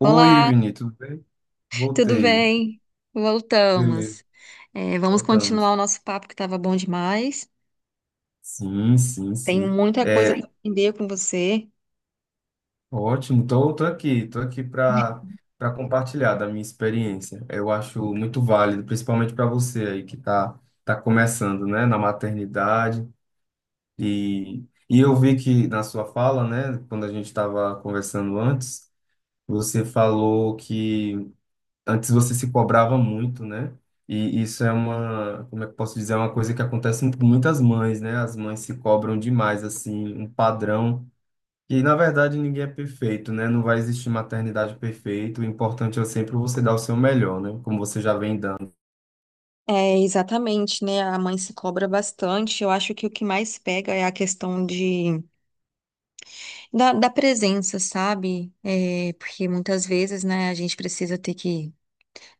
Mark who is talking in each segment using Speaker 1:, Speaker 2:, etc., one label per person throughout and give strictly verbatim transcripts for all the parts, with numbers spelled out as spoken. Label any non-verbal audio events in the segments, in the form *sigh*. Speaker 1: Oi,
Speaker 2: Olá,
Speaker 1: Vini, tudo bem?
Speaker 2: tudo
Speaker 1: Voltei.
Speaker 2: bem?
Speaker 1: Beleza,
Speaker 2: Voltamos. É, vamos
Speaker 1: voltamos.
Speaker 2: continuar o nosso papo que estava bom demais.
Speaker 1: Sim, sim,
Speaker 2: Tem
Speaker 1: sim.
Speaker 2: muita coisa
Speaker 1: É
Speaker 2: para aprender com você.
Speaker 1: ótimo. Tô, tô aqui, tô aqui para para compartilhar da minha experiência. Eu acho muito válido, principalmente para você aí que tá tá começando, né, na maternidade e e eu vi que na sua fala, né, quando a gente estava conversando antes, você falou que antes você se cobrava muito, né? E isso é uma, como é que eu posso dizer, é uma coisa que acontece com muitas mães, né? As mães se cobram demais, assim, um padrão. E na verdade ninguém é perfeito, né? Não vai existir maternidade perfeita. O importante é sempre você dar o seu melhor, né? Como você já vem dando.
Speaker 2: É, exatamente, né? A mãe se cobra bastante. Eu acho que o que mais pega é a questão de, da, da presença, sabe? É, porque muitas vezes, né, a gente precisa ter que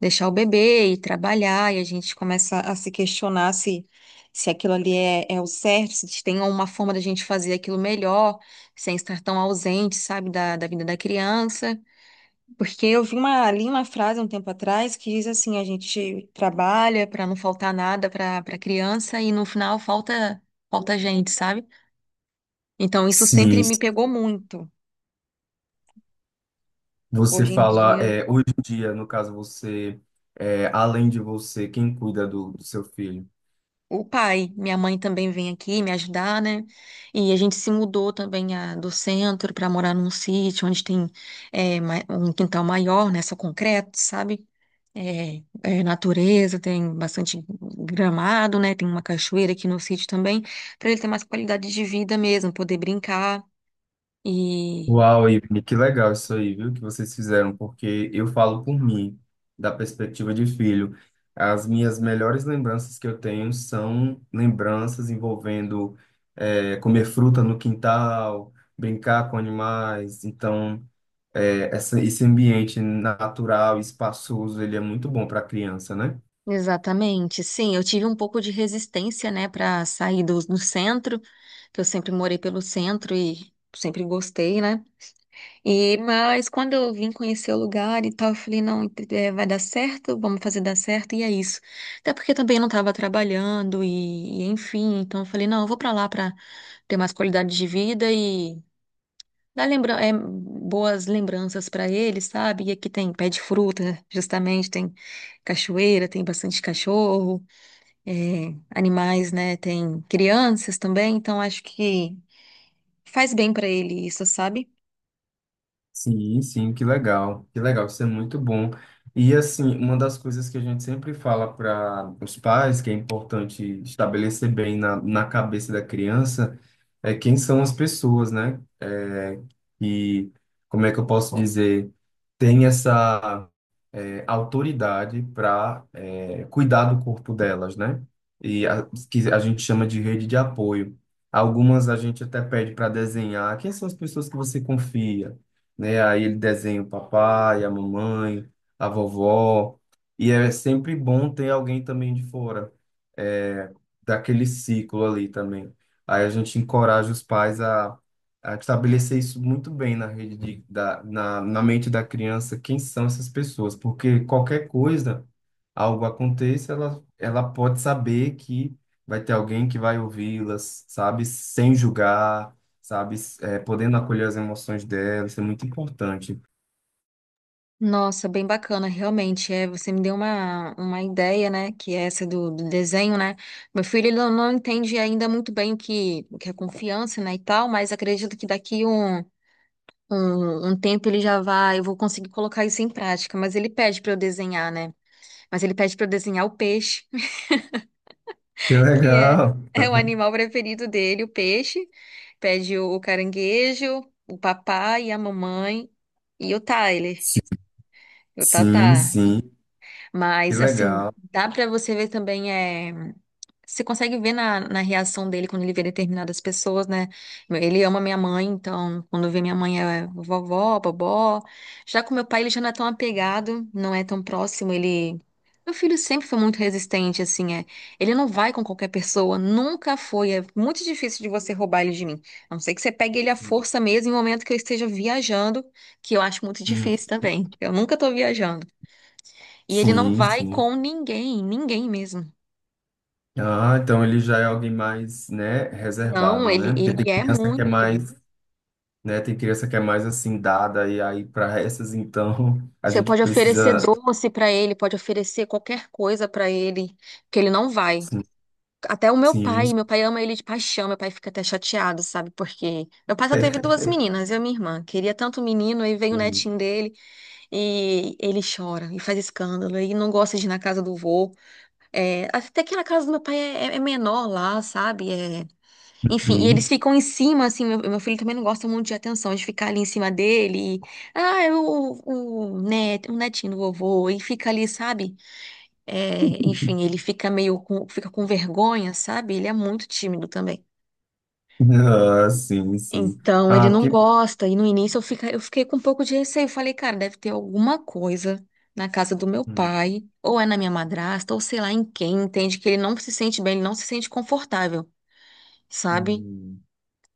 Speaker 2: deixar o bebê e trabalhar, e a gente começa a se questionar se, se aquilo ali é, é o certo, se tem uma forma da gente fazer aquilo melhor, sem estar tão ausente, sabe, da, da vida da criança. Porque eu vi uma, li uma frase um tempo atrás que diz assim: a gente trabalha para não faltar nada para para criança e no final falta, falta gente, sabe? Então isso
Speaker 1: Sim,
Speaker 2: sempre me
Speaker 1: se
Speaker 2: pegou muito.
Speaker 1: você
Speaker 2: Hoje em
Speaker 1: fala,
Speaker 2: dia
Speaker 1: é, hoje em dia, no caso você, é, além de você, quem cuida do do seu filho?
Speaker 2: o pai. Minha mãe também vem aqui me ajudar, né? E a gente se mudou também ah, do centro para morar num sítio onde tem eh, ma- um quintal maior, né? Só concreto, sabe? É, é natureza, tem bastante gramado, né? Tem uma cachoeira aqui no sítio também, para ele ter mais qualidade de vida mesmo, poder brincar. E
Speaker 1: Uau, Ivne, que legal isso aí, viu, que vocês fizeram, porque eu falo por mim, da perspectiva de filho. As minhas melhores lembranças que eu tenho são lembranças envolvendo eh, comer fruta no quintal, brincar com animais. Então, eh, essa, esse ambiente natural, espaçoso, ele é muito bom para a criança, né?
Speaker 2: exatamente, sim, eu tive um pouco de resistência, né, para sair do, do centro, que eu sempre morei pelo centro e sempre gostei, né? E, mas quando eu vim conhecer o lugar e tal, eu falei, não, é, vai dar certo, vamos fazer dar certo, e é isso. Até porque também eu não estava trabalhando e, e enfim, então eu falei, não, eu vou para lá para ter mais qualidade de vida e dar lembra é, boas lembranças para ele, sabe? E aqui tem pé de fruta, justamente, tem cachoeira, tem bastante cachorro, é, animais, né? Tem crianças também, então acho que faz bem para ele isso, sabe?
Speaker 1: Sim, sim, que legal, que legal, isso é muito bom. E assim, uma das coisas que a gente sempre fala para os pais, que é importante estabelecer bem na, na cabeça da criança, é quem são as pessoas, né? É, e como é que eu posso dizer? Tem essa é, autoridade para cuidar do corpo delas, né? E a, que a gente chama de rede de apoio. Algumas a gente até pede para desenhar. Quem são as pessoas que você confia? Né? Aí ele desenha o papai, a mamãe, a vovó. E é sempre bom ter alguém também de fora, é, daquele ciclo ali também. Aí a gente encoraja os pais a estabelecer isso muito bem na rede de, da, na, na mente da criança, quem são essas pessoas, porque qualquer coisa, algo aconteça, ela, ela pode saber que vai ter alguém que vai ouvi-las, sabe, sem julgar, sabe, eh, podendo acolher as emoções dela, isso é muito importante.
Speaker 2: Nossa, bem bacana, realmente. É, você me deu uma, uma ideia, né? Que é essa do, do desenho, né? Meu filho ele não, não entende ainda muito bem o que, o que é confiança, né? E tal, mas acredito que daqui um, um, um tempo ele já vai, eu vou conseguir colocar isso em prática. Mas ele pede para eu desenhar, né? Mas ele pede para eu desenhar o peixe,
Speaker 1: Que
Speaker 2: *laughs* que é,
Speaker 1: legal! Tá
Speaker 2: é o
Speaker 1: vendo?
Speaker 2: animal preferido dele, o peixe. Pede o, o caranguejo, o papai e a mamãe e o Tyler.
Speaker 1: Sim,
Speaker 2: O
Speaker 1: sim,
Speaker 2: Tatá.
Speaker 1: sim, que
Speaker 2: Mas, assim,
Speaker 1: legal.
Speaker 2: dá pra você ver também, é... Você consegue ver na, na reação dele quando ele vê determinadas pessoas, né? Ele ama minha mãe, então, quando vê minha mãe é vovó, bobó. Já com meu pai, ele já não é tão apegado, não é tão próximo, ele... Meu filho sempre foi muito resistente, assim, é. Ele não vai com qualquer pessoa, nunca foi. É muito difícil de você roubar ele de mim. A não ser que você pegue ele à força mesmo em um momento que eu esteja viajando, que eu acho muito
Speaker 1: Hum.
Speaker 2: difícil também. Eu nunca tô viajando. E ele não
Speaker 1: Sim,
Speaker 2: vai
Speaker 1: sim.
Speaker 2: com ninguém, ninguém mesmo.
Speaker 1: Ah, então ele já é alguém mais, né,
Speaker 2: Não,
Speaker 1: reservado,
Speaker 2: ele,
Speaker 1: né? Porque tem
Speaker 2: ele é
Speaker 1: criança que é
Speaker 2: muito.
Speaker 1: mais, né? Tem criança que é mais assim dada e aí para essas então a
Speaker 2: Você
Speaker 1: gente
Speaker 2: pode oferecer
Speaker 1: precisa.
Speaker 2: doce pra ele, pode oferecer qualquer coisa pra ele, que ele não vai.
Speaker 1: Sim,
Speaker 2: Até o meu
Speaker 1: sim,
Speaker 2: pai, meu pai ama ele de paixão, meu pai fica até chateado, sabe? Porque meu pai só teve duas meninas, eu e minha irmã. Queria tanto o menino, aí veio o netinho dele e ele chora e faz escândalo e não gosta de ir na casa do vô. É, até que na casa do meu pai é, é menor lá, sabe? É, Enfim, e eles
Speaker 1: sim.
Speaker 2: ficam em cima, assim, meu, meu filho também não gosta muito de atenção, de ficar ali em cima dele, e, ah, é o, o, net, o netinho do vovô, e fica ali, sabe? É, enfim, ele fica meio com, fica com vergonha, sabe? Ele é muito tímido também.
Speaker 1: Uhum. Ah, sim, sim.
Speaker 2: Então,
Speaker 1: Ah,
Speaker 2: ele não
Speaker 1: porque.
Speaker 2: gosta, e no início eu, fica, eu fiquei com um pouco de receio, falei, cara, deve ter alguma coisa na casa do meu
Speaker 1: Hum,
Speaker 2: pai, ou é na minha madrasta, ou sei lá em quem, entende que ele não se sente bem, ele não se sente confortável, sabe?
Speaker 1: hum,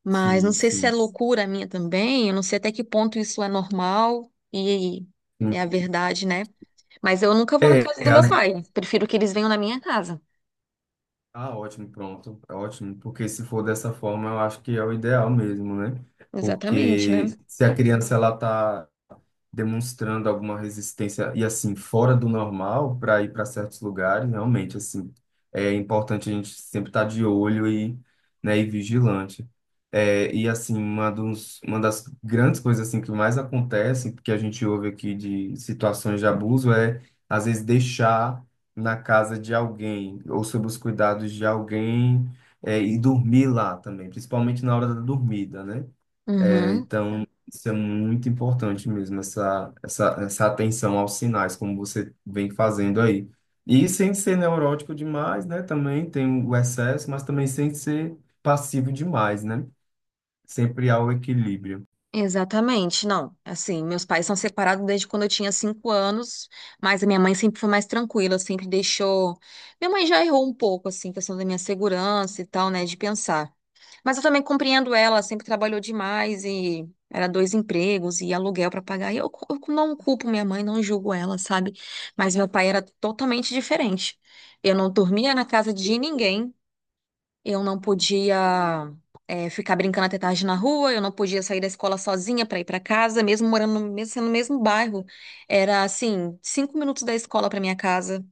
Speaker 2: Mas não
Speaker 1: sim,
Speaker 2: sei se é
Speaker 1: sim.
Speaker 2: loucura minha também, eu não sei até que ponto isso é normal e
Speaker 1: Hum.
Speaker 2: é a verdade, né? Mas eu nunca vou na
Speaker 1: É,
Speaker 2: casa
Speaker 1: é,
Speaker 2: do meu
Speaker 1: as-
Speaker 2: pai. Prefiro que eles venham na minha casa.
Speaker 1: Ah, ótimo, pronto, é ótimo, porque se for dessa forma, eu acho que é o ideal mesmo, né?
Speaker 2: Exatamente,
Speaker 1: Porque
Speaker 2: né?
Speaker 1: se a criança ela tá demonstrando alguma resistência e assim fora do normal para ir para certos lugares, realmente assim é importante a gente sempre estar de olho e, né, e vigilante. É, e assim uma dos, uma das grandes coisas assim que mais acontece, que a gente ouve aqui de situações de abuso é às vezes deixar na casa de alguém ou sob os cuidados de alguém é, e dormir lá também, principalmente na hora da dormida, né? É,
Speaker 2: Uhum,
Speaker 1: então, isso é muito importante mesmo, essa, essa, essa atenção aos sinais, como você vem fazendo aí. E sem ser neurótico demais, né? Também tem o excesso, mas também sem ser passivo demais, né? Sempre há o equilíbrio.
Speaker 2: exatamente. Não, assim, meus pais são separados desde quando eu tinha cinco anos, mas a minha mãe sempre foi mais tranquila, sempre deixou. Minha mãe já errou um pouco, assim, questão da minha segurança e tal, né, de pensar. Mas eu também compreendo ela, sempre trabalhou demais e era dois empregos e aluguel para pagar. E eu, cu- eu não culpo minha mãe, não julgo ela, sabe? Mas meu pai era totalmente diferente. Eu não dormia na casa de ninguém, eu não podia eh, ficar brincando até tarde na rua, eu não podia sair da escola sozinha para ir para casa, mesmo morando no, mesmo sendo no mesmo bairro. Era assim, cinco minutos da escola para minha casa.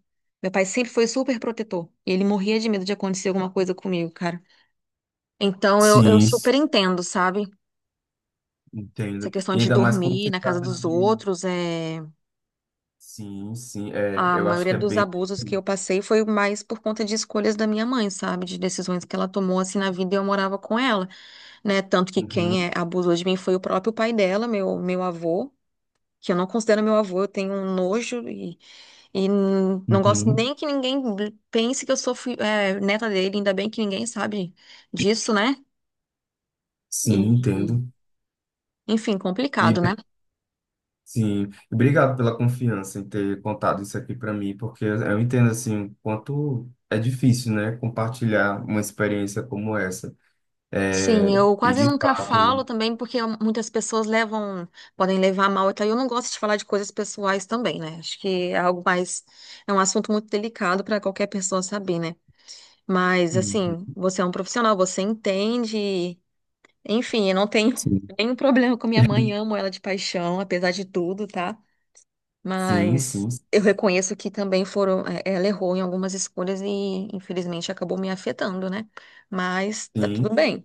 Speaker 2: Meu pai sempre foi super protetor. E ele morria de medo de acontecer alguma coisa comigo, cara. Então eu, eu
Speaker 1: Sim, s-
Speaker 2: super entendo, sabe? Essa
Speaker 1: entendo.
Speaker 2: questão
Speaker 1: E
Speaker 2: de
Speaker 1: ainda mais quando
Speaker 2: dormir
Speaker 1: se
Speaker 2: na casa
Speaker 1: trata
Speaker 2: dos
Speaker 1: de.
Speaker 2: outros, é...
Speaker 1: Sim, sim, é,
Speaker 2: A
Speaker 1: eu acho
Speaker 2: maioria
Speaker 1: que é
Speaker 2: dos
Speaker 1: bem.
Speaker 2: abusos que eu passei foi mais por conta de escolhas da minha mãe, sabe? De decisões que ela tomou assim na vida e eu morava com ela, né? Tanto que
Speaker 1: Uhum,
Speaker 2: quem é, abusou de mim foi o próprio pai dela, meu, meu avô, que eu não considero meu avô, eu tenho um nojo e, e n- não gosto
Speaker 1: uhum.
Speaker 2: nem que ninguém pense que eu sou fi- é, neta dele, ainda bem que ninguém sabe disso, né? E,
Speaker 1: Sim,
Speaker 2: e,
Speaker 1: entendo.
Speaker 2: enfim, complicado, né?
Speaker 1: Sim, obrigado pela confiança em ter contado isso aqui para mim, porque eu entendo assim o quanto é difícil, né, compartilhar uma experiência como essa. É,
Speaker 2: Sim, eu
Speaker 1: e
Speaker 2: quase
Speaker 1: de
Speaker 2: nunca
Speaker 1: fato.
Speaker 2: falo também, porque muitas pessoas levam, podem levar a mal, e então eu não gosto de falar de coisas pessoais também, né? Acho que é algo mais, é um assunto muito delicado para qualquer pessoa saber, né? Mas
Speaker 1: Uhum.
Speaker 2: assim, você é um profissional, você entende, enfim, eu não tenho
Speaker 1: Sim,
Speaker 2: *laughs* nenhum problema com minha mãe, amo ela de paixão, apesar de tudo, tá?
Speaker 1: sim, sim,
Speaker 2: Mas eu reconheço que também foram, é, ela errou em algumas escolhas e infelizmente acabou me afetando, né? Mas tá tudo
Speaker 1: sim.
Speaker 2: bem,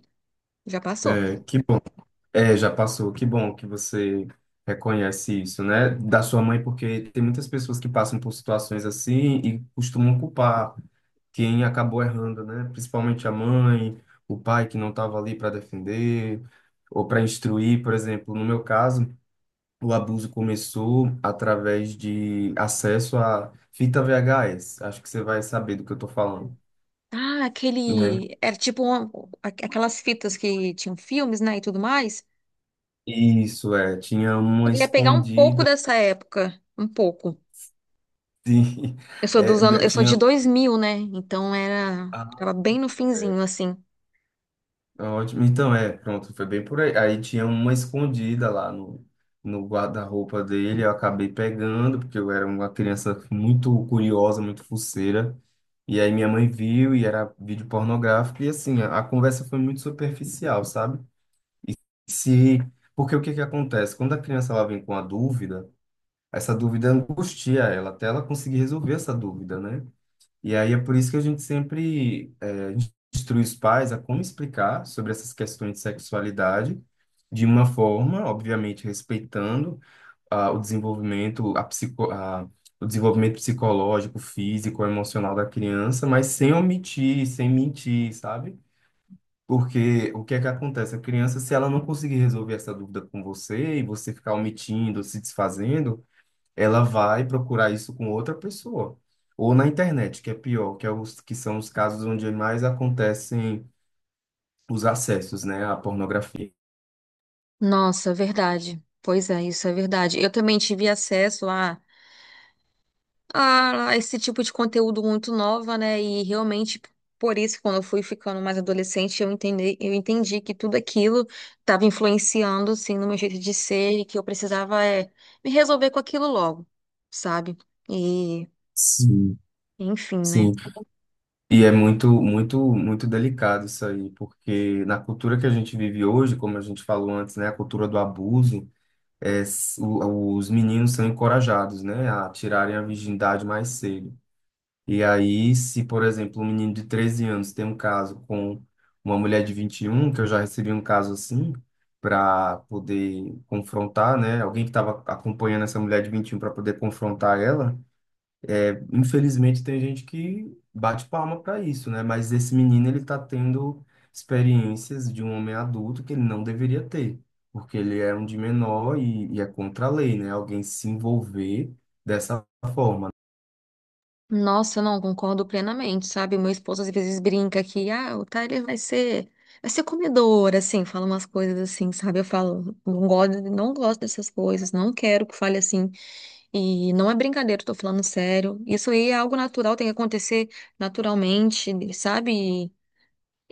Speaker 2: já passou.
Speaker 1: É, que bom. É, já passou. Que bom que você reconhece isso, né, da sua mãe, porque tem muitas pessoas que passam por situações assim e costumam culpar quem acabou errando, né? Principalmente a mãe, o pai que não estava ali para defender ou para instruir, por exemplo, no meu caso, o abuso começou através de acesso à fita V H S. Acho que você vai saber do que eu tô falando,
Speaker 2: Ah,
Speaker 1: né?
Speaker 2: aquele. Era tipo uma- aqu- aquelas fitas que tinham filmes, né? E tudo mais.
Speaker 1: Isso é, tinha uma
Speaker 2: Eu ia pegar um pouco
Speaker 1: escondida.
Speaker 2: dessa época. Um pouco.
Speaker 1: *laughs* Sim.
Speaker 2: Eu sou dos anos.
Speaker 1: É,
Speaker 2: Eu sou
Speaker 1: tinha
Speaker 2: de dois mil, né? Então era.
Speaker 1: ah,
Speaker 2: Tava bem no finzinho, assim.
Speaker 1: Ah, ótimo. Então, é, pronto, foi bem por aí. Aí tinha uma escondida lá no, no guarda-roupa dele, eu acabei pegando, porque eu era uma criança muito curiosa, muito fuceira. E aí minha mãe viu e era vídeo pornográfico, e assim, a, a conversa foi muito superficial, sabe? Se, porque o que que acontece? Quando a criança ela vem com a dúvida, essa dúvida angustia ela, até ela conseguir resolver essa dúvida, né? E aí é por isso que a gente sempre é, instrui os pais a como explicar sobre essas questões de sexualidade de uma forma, obviamente, respeitando ah, o desenvolvimento, a psico, a, o desenvolvimento psicológico, físico, emocional da criança, mas sem omitir, sem mentir, sabe? Porque o que é que acontece? A criança, se ela não conseguir resolver essa dúvida com você e você ficar omitindo, se desfazendo, ela vai procurar isso com outra pessoa. Ou na internet, que é pior, que, é os, que são os casos onde mais acontecem os acessos, né, à pornografia.
Speaker 2: Nossa, é verdade. Pois é, isso é verdade. Eu também tive acesso a. a esse tipo de conteúdo muito nova, né? E realmente, por isso, quando eu fui ficando mais adolescente, eu entendi, eu entendi que tudo aquilo estava influenciando, assim, no meu jeito de ser e que eu precisava é, me resolver com aquilo logo, sabe? E,
Speaker 1: Sim.
Speaker 2: enfim, né?
Speaker 1: Sim. E é muito, muito, muito delicado isso aí, porque na cultura que a gente vive hoje, como a gente falou antes, né, a cultura do abuso, é, s- o- os meninos são encorajados, né, a tirarem a virgindade mais cedo. E aí, se, por exemplo, um menino de treze anos tem um caso com uma mulher de vinte e um, que eu já recebi um caso assim, para poder confrontar, né? Alguém que estava acompanhando essa mulher de vinte e um para poder confrontar ela. É, infelizmente, tem gente que bate palma para isso, né? Mas esse menino, ele tá tendo experiências de um homem adulto que ele não deveria ter, porque ele é um de menor e, e é contra a lei, né? Alguém se envolver dessa forma.
Speaker 2: Nossa, não, concordo plenamente, sabe? Meu esposo às vezes brinca que, ah, o Tyler vai ser, vai ser, comedor, assim, fala umas coisas assim, sabe? Eu falo, não gosto, não gosto dessas coisas, não quero que fale assim. E não é brincadeira, eu tô falando sério. Isso aí é algo natural, tem que acontecer naturalmente, sabe?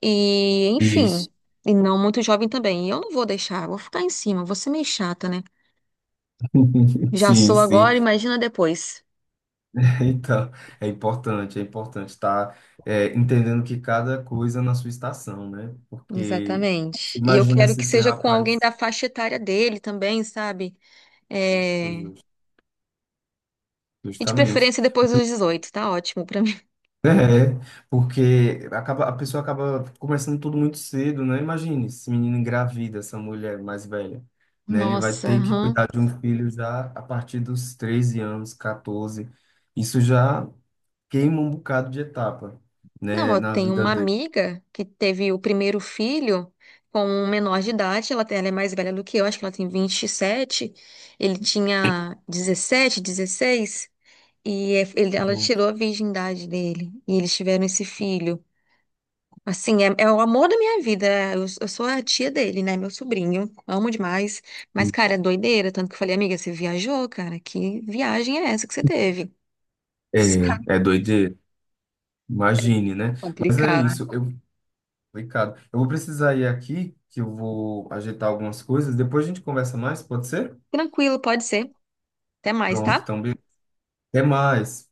Speaker 2: E, enfim,
Speaker 1: Isso.
Speaker 2: e não muito jovem também. E eu não vou deixar, vou ficar em cima, vou ser meio chata, né?
Speaker 1: *laughs*
Speaker 2: Já
Speaker 1: Sim,
Speaker 2: sou
Speaker 1: sim.
Speaker 2: agora, imagina depois.
Speaker 1: Então, é importante, é importante estar é, entendendo que cada coisa na sua estação, né? Porque você
Speaker 2: Exatamente. E eu
Speaker 1: imagina
Speaker 2: quero
Speaker 1: se
Speaker 2: que
Speaker 1: esse
Speaker 2: seja com alguém
Speaker 1: rapaz,
Speaker 2: da faixa etária dele também, sabe?
Speaker 1: justo,
Speaker 2: É,
Speaker 1: justo,
Speaker 2: E de
Speaker 1: justamente,
Speaker 2: preferência depois dos dezoito, tá ótimo pra mim.
Speaker 1: *laughs* é, porque acaba, a pessoa acaba começando tudo muito cedo, né? Imagine esse menino engravida, essa mulher mais velha, né? Ele vai
Speaker 2: Nossa,
Speaker 1: ter que
Speaker 2: aham.
Speaker 1: cuidar de um filho já a partir dos treze anos, quatorze. Isso já queima um bocado de etapa, né,
Speaker 2: Não, eu
Speaker 1: na
Speaker 2: tenho
Speaker 1: vida
Speaker 2: uma
Speaker 1: dele.
Speaker 2: amiga que teve o primeiro filho com um menor de idade, ela, tem- ela é mais velha do que eu, acho que ela tem vinte e sete. Ele tinha dezessete, dezesseis. E é- ele- ela tirou a virgindade dele, e eles tiveram esse filho. Assim, é, é o amor da minha vida, é, eu, eu sou a tia dele, né, meu sobrinho, amo demais, mas, cara, é doideira, tanto que eu falei, amiga, você viajou, cara, que viagem é essa que você teve? *laughs*
Speaker 1: É,
Speaker 2: Sabe?
Speaker 1: é doideira. Imagine, né? Mas é
Speaker 2: Complicado.
Speaker 1: isso. Eu, Ricardo, eu vou precisar ir aqui, que eu vou ajeitar algumas coisas. Depois a gente conversa mais, pode ser?
Speaker 2: Tranquilo, pode ser, até mais, tá?
Speaker 1: Pronto, então, be- até mais.